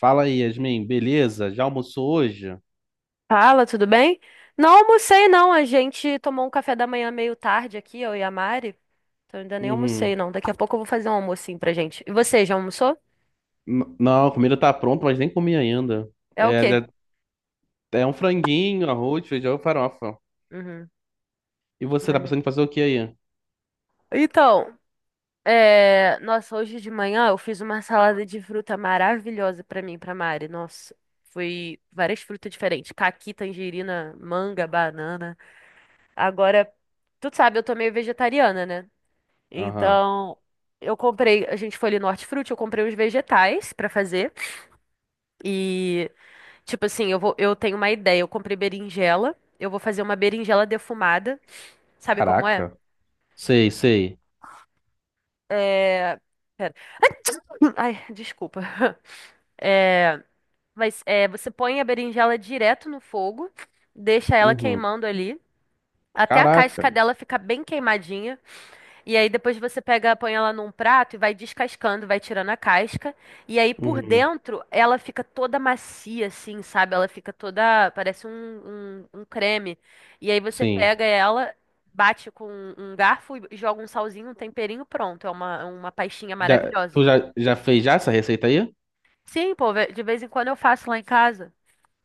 Fala aí, Yasmin, beleza? Já almoçou hoje? Fala, tudo bem? Não almocei, não. A gente tomou um café da manhã meio tarde aqui, eu e a Mari. Então ainda nem almocei, Uhum. não. Daqui a pouco eu vou fazer um almocinho pra gente. E você, já almoçou? Não, a comida tá pronta, mas nem comi ainda. É o É, quê? já- é um franguinho, arroz, feijão e farofa. Uhum. E você tá Maneiro. pensando em fazer o que aí? Então, nossa, hoje de manhã eu fiz uma salada de fruta maravilhosa pra mim, e pra Mari. Nossa, foi várias frutas diferentes. Caqui, tangerina, manga, banana. Agora, tu sabe, eu tô meio vegetariana, né? Aham. Então, eu comprei, a gente foi ali no Hortifruti, eu comprei uns vegetais pra fazer. E, tipo assim, eu tenho uma ideia. Eu comprei berinjela, eu vou fazer uma berinjela defumada. Sabe como é? Caraca. Sei, sei. É... Ai, desculpa. É... Mas é, você põe a berinjela direto no fogo, deixa ela Uhum. queimando ali, até a Caraca. casca dela ficar bem queimadinha. E aí depois você pega, põe ela num prato e vai descascando, vai tirando a casca. E aí por Uhum. dentro ela fica toda macia, assim, sabe? Ela fica toda, parece um creme. E aí você Sim. pega ela, bate com um garfo e joga um salzinho, um temperinho, pronto. É uma pastinha Já, maravilhosa. tu já, já fez já essa receita aí? Sim, pô, de vez em quando eu faço lá em casa.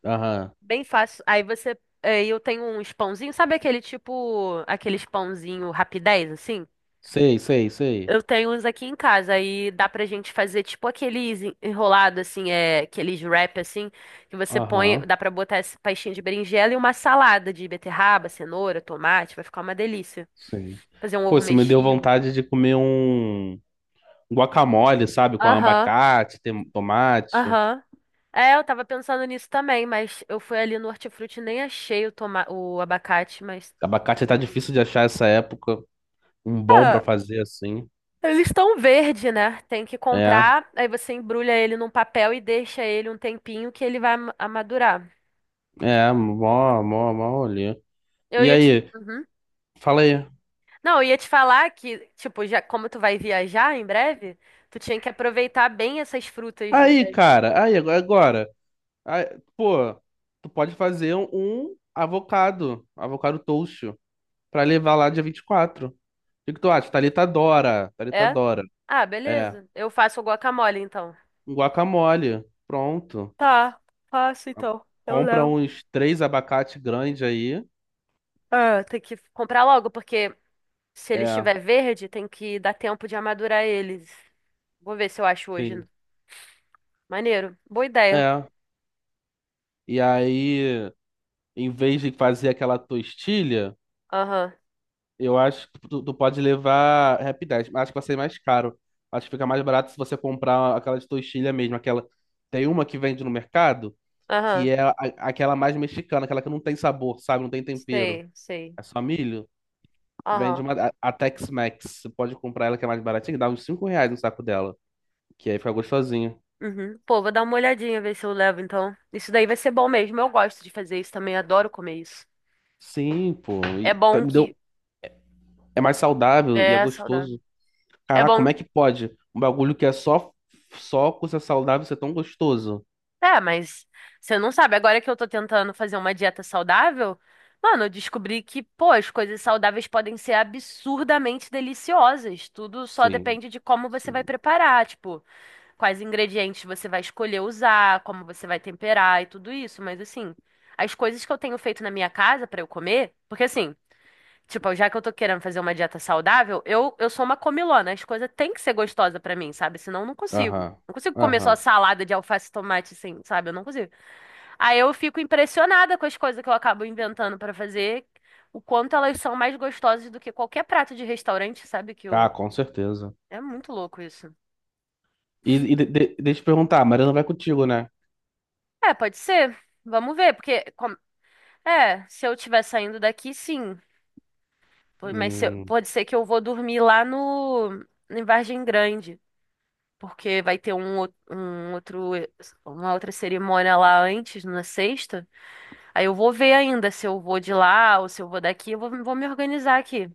Aham. Bem fácil. Aí eu tenho uns pãozinhos, sabe aquele tipo, aqueles pãozinho rapidez, assim? Sei, sei, sei. Eu tenho uns aqui em casa aí dá pra gente fazer tipo aqueles enrolado assim, aqueles wrap assim, que você põe, Aham. dá pra botar essa pastinha de berinjela e uma salada de beterraba, cenoura, tomate, vai ficar uma delícia. Sim. Fazer um Pô, ovo você me deu mexido. vontade de comer um guacamole, sabe? Com Aham, abacate, tomate. aham. É, eu tava pensando nisso também, mas eu fui ali no Hortifruti e nem achei o abacate, mas. Abacate tá difícil de achar essa época. Um bom pra Ah, fazer assim. eles estão verde, né? Tem que É, comprar, aí você embrulha ele num papel e deixa ele um tempinho que ele vai amadurar. é, mó olhê. Eu E ia te. aí? Uhum. Fala aí. Não, eu ia te falar que, tipo, já como tu vai viajar em breve, tu tinha que aproveitar bem essas frutas do Aí, Brasil. cara, aí, agora. Aí, pô, tu pode fazer um avocado. Avocado toast. Pra levar lá dia 24. O que que tu acha? Thalita adora. Thalita É? adora. Ah, É. beleza. Eu faço o guacamole, então. Um guacamole. Pronto. Tá, faço então. Eu Compra levo. uns três abacate grande aí. Ah, tem que comprar logo, porque se ele É, estiver verde, tem que dar tempo de amadurar eles. Vou ver se eu acho hoje. sim. Maneiro. Boa ideia. É. E aí, em vez de fazer aquela tostilha, Aham. eu acho que tu pode levar Happy 10. Acho que vai ser mais caro. Acho que fica mais barato se você comprar aquela de tostilha mesmo. Aquela... Tem uma que vende no mercado, que Aham. é aquela mais mexicana, aquela que não tem sabor, sabe? Não tem tempero. Sei, sei. É só milho. Vende Aham. uma. A Tex-Mex. Você pode comprar ela que é mais baratinha, dá uns 5 reais no saco dela. Que aí fica gostosinho. Uhum. Pô, vou dar uma olhadinha, ver se eu levo, então. Isso daí vai ser bom mesmo. Eu gosto de fazer isso também, adoro comer isso. Sim, pô. E É bom me deu... que. É mais saudável e é É saudável. gostoso. É Caraca, bom. como é que pode? Um bagulho que é só coisa saudável ser tão gostoso. É, mas você não sabe. Agora que eu tô tentando fazer uma dieta saudável, mano, eu descobri que, pô, as coisas saudáveis podem ser absurdamente deliciosas. Tudo só Sim, depende de como você vai sim. preparar, tipo, quais ingredientes você vai escolher usar, como você vai temperar e tudo isso. Mas assim, as coisas que eu tenho feito na minha casa pra eu comer, porque assim. Tipo, já que eu tô querendo fazer uma dieta saudável, eu sou uma comilona. As coisas têm que ser gostosas pra mim, sabe? Senão eu não consigo. Aham. Não consigo comer só Aham. salada de alface e tomate, assim, sabe? Eu não consigo. Aí eu fico impressionada com as coisas que eu acabo inventando pra fazer, o quanto elas são mais gostosas do que qualquer prato de restaurante, sabe? Que Ah, eu. com certeza. É muito louco isso. E, deixa eu te perguntar, a Mariana vai contigo, né? É, pode ser. Vamos ver, porque, é, se eu estiver saindo daqui, sim. Pô, mas se eu- Hum, pode ser que eu vou dormir lá no em Vargem Grande, porque vai ter um outro, uma outra cerimônia lá antes, na sexta. Aí eu vou ver ainda se eu vou de lá ou se eu vou daqui, eu vou me organizar aqui.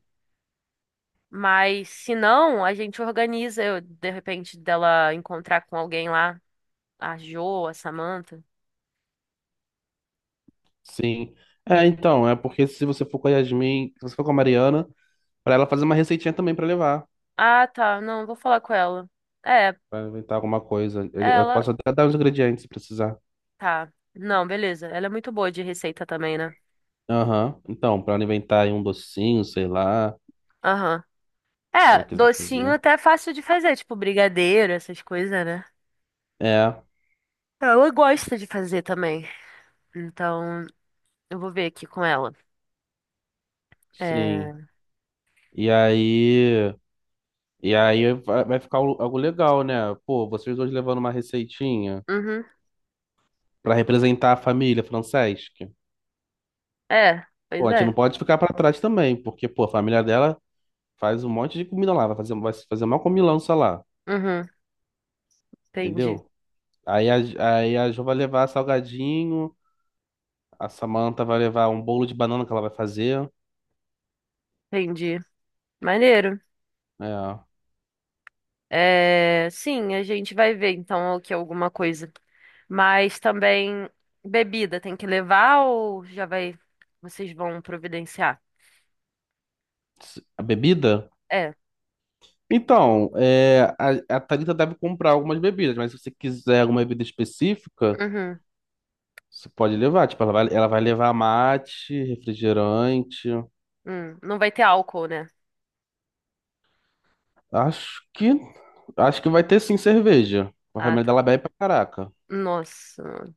Mas se não, a gente organiza, eu, de repente, dela encontrar com alguém lá, a Jo, a Samantha. sim. É, então, é porque se você for com a Yasmin, se você for com a Mariana, pra ela fazer uma receitinha também pra levar. Ah, tá, não, vou falar com ela. É, Pra inventar alguma coisa. Eu ela, posso até dar os ingredientes se precisar. tá. Não, beleza, ela é muito boa de receita também, né? Aham. Então, pra ela inventar aí um docinho, sei lá, Aham. que ela É, quiser docinho fazer. até é fácil de fazer, tipo brigadeiro, essas coisas, né? É, Ela gosta de fazer também. Então, eu vou ver aqui com ela. sim. É. E aí. E aí vai ficar algo legal, né? Pô, vocês dois levando uma receitinha Uhum. pra representar a família Franceschi. É, Pô, pois a gente não é. pode ficar pra trás também, porque, pô, a família dela faz um monte de comida lá, vai fazer uma comilança lá, Uhum. Entendi. entendeu? Aí a, aí a Jo vai levar salgadinho, a Samantha vai levar um bolo de banana que ela vai fazer. Entendi. Maneiro. É, É, sim, a gente vai ver então o que é alguma coisa. Mas também bebida tem que levar ou já vai. Vocês vão providenciar? a bebida? É. Então, é, a Thalita deve comprar algumas bebidas, mas se você quiser alguma bebida específica, Uhum. você pode levar. Tipo, ela vai levar mate, refrigerante. Hum. Não vai ter álcool, né? Acho que, acho que vai ter sim cerveja. A Ah, família tá. dela bebe pra caraca. Nossa.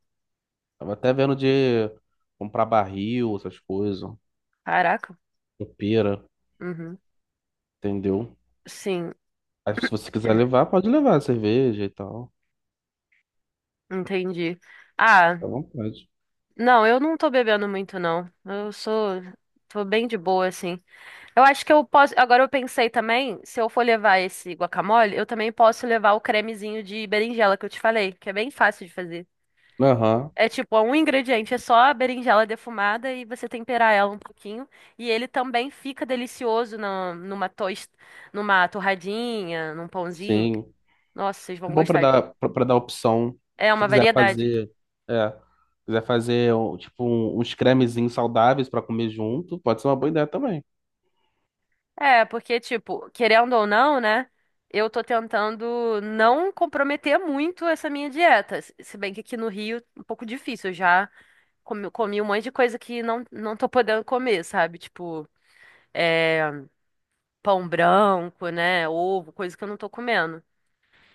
Tava até vendo de comprar barril, essas coisas, Caraca. pera, Uhum. entendeu? Sim, Aí, se você quiser levar, pode levar cerveja e tal. entendi. Ah. Fica à vontade. Não, eu não tô bebendo muito, não. Eu sou. Tô bem de boa, assim. Eu acho que eu posso. Agora eu pensei também, se eu for levar esse guacamole, eu também posso levar o cremezinho de berinjela que eu te falei, que é bem fácil de fazer. Aham. É tipo, é um ingrediente, é só a berinjela defumada e você temperar ela um pouquinho. E ele também fica delicioso numa torradinha, num pãozinho. Sim. Nossa, vocês vão É bom para gostar. Dar para dar opção. É Se uma quiser variedade. fazer, é, tipo uns cremezinhos saudáveis para comer junto, pode ser uma boa ideia também. É, porque, tipo, querendo ou não, né? Eu tô tentando não comprometer muito essa minha dieta. Se bem que aqui no Rio, um pouco difícil. Eu já comi um monte de coisa que não tô podendo comer, sabe? Tipo, é, pão branco, né? Ovo, coisa que eu não tô comendo.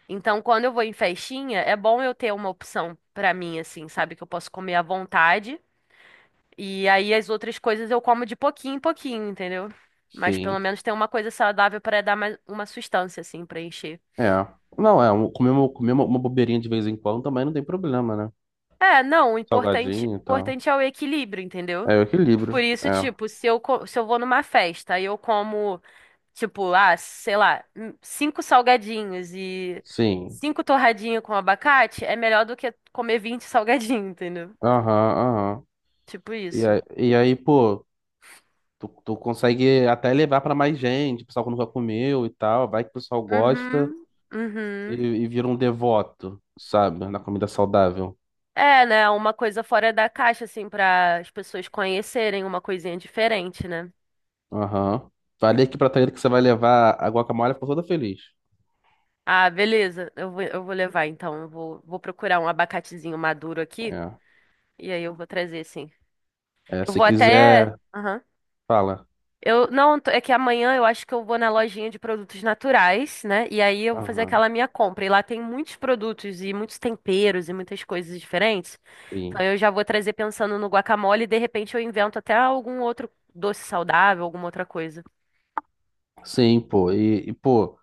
Então, quando eu vou em festinha, é bom eu ter uma opção pra mim, assim, sabe? Que eu posso comer à vontade e aí as outras coisas eu como de pouquinho em pouquinho, entendeu? Mas pelo Sim. menos tem uma coisa saudável pra dar mais uma sustância assim pra encher. É. Não, comer uma bobeirinha de vez em quando também não tem problema, né? É, não, o importante, Salgadinho e tal. importante é o equilíbrio, entendeu? É o equilíbrio. Por isso, É. tipo, se eu vou numa festa e eu como, tipo, ah, sei lá, cinco salgadinhos e Sim. cinco torradinhas com abacate, é melhor do que comer 20 salgadinhos, entendeu? Aham, aham. Tipo E isso. aí, e aí, pô, tu consegue até levar para mais gente, o pessoal que nunca comeu e tal, vai que o pessoal gosta. Uhum, E, uhum. e vira um devoto, sabe? Na comida saudável. É, né? Uma coisa fora da caixa, assim, para as pessoas conhecerem uma coisinha diferente, né? Aham. Falei aqui pra Thaíra que você vai levar a guacamole, ficou toda feliz. Ah, beleza. Eu vou levar, então. Eu vou procurar um abacatezinho maduro aqui. É. E aí eu vou trazer, sim. É, Eu se vou até. quiser, Aham. fala. Eu, não, é que amanhã eu acho que eu vou na lojinha de produtos naturais, né? E aí eu vou fazer Aham. aquela minha compra. E lá tem muitos produtos e muitos temperos e muitas coisas diferentes. Então Sim. eu já vou trazer pensando no guacamole e de repente eu invento até algum outro doce saudável, alguma outra coisa. Sim, pô. E, pô,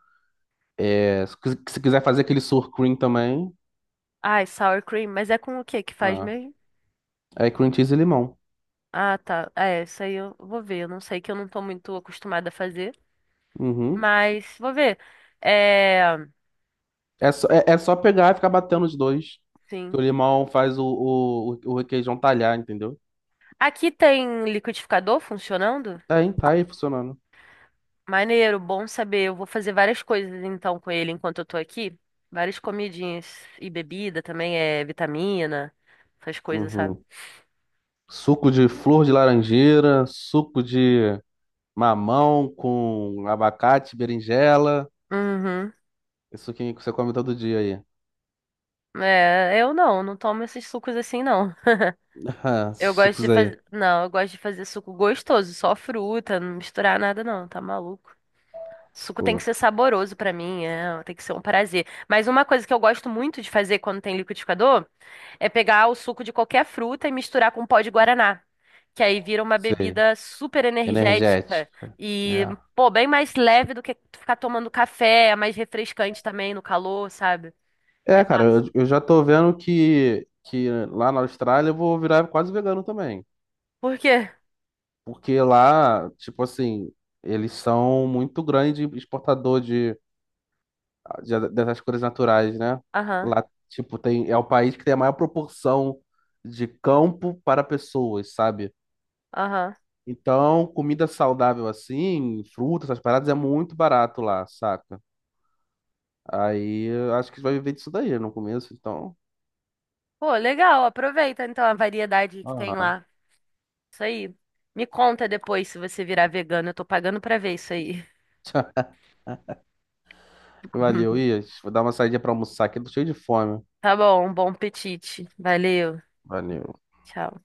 se quiser fazer aquele sour cream também, Ai, sour cream, mas é com o que que faz ah, mesmo? é cream cheese e limão. Ah, tá. É, isso aí eu vou ver. Eu não sei que eu não tô muito acostumada a fazer, Uhum. mas vou ver. É, É só pegar e ficar batendo os dois. Que sim. o limão faz o requeijão talhar, entendeu? Aqui tem liquidificador funcionando? Tá aí funcionando. Maneiro, bom saber. Eu vou fazer várias coisas então com ele enquanto eu tô aqui. Várias comidinhas e bebida também, é vitamina, essas coisas, sabe? Uhum. Suco de flor de laranjeira, suco de mamão com abacate, berinjela. Uhum. Isso que você come todo dia aí. É, eu não tomo esses sucos assim, não. Ah, esses Eu gosto de sucos aí. fazer. Não, eu gosto de fazer suco gostoso, só fruta, não misturar nada não, tá maluco? Suco tem Pô, que ser saboroso pra mim, tem que ser um prazer. Mas uma coisa que eu gosto muito de fazer quando tem liquidificador é pegar o suco de qualquer fruta e misturar com pó de guaraná, que aí vira uma sei. bebida super energética Energético. e, É, pô, bem mais leve do que ficar tomando café, é mais refrescante também no calor, sabe? É, é cara, eu já tô vendo que lá na Austrália eu vou virar quase vegano também. por quê? Porque lá, tipo assim, eles são muito grande exportador de já dessas cores naturais, né? Aham, Lá, tipo, tem, é o país que tem a maior proporção de campo para pessoas, sabe? aham. Então, comida saudável assim, frutas, essas paradas é muito barato lá, saca? Aí, eu acho que vai viver disso daí no começo, então. Pô, legal, aproveita então a variedade que tem Ah, lá. Isso aí. Me conta depois se você virar vegano. Eu tô pagando pra ver isso aí. valeu, Ias. Vou dar uma saída pra almoçar aqui, tô cheio de fome. Tá bom, bom apetite. Valeu. Valeu. Tchau.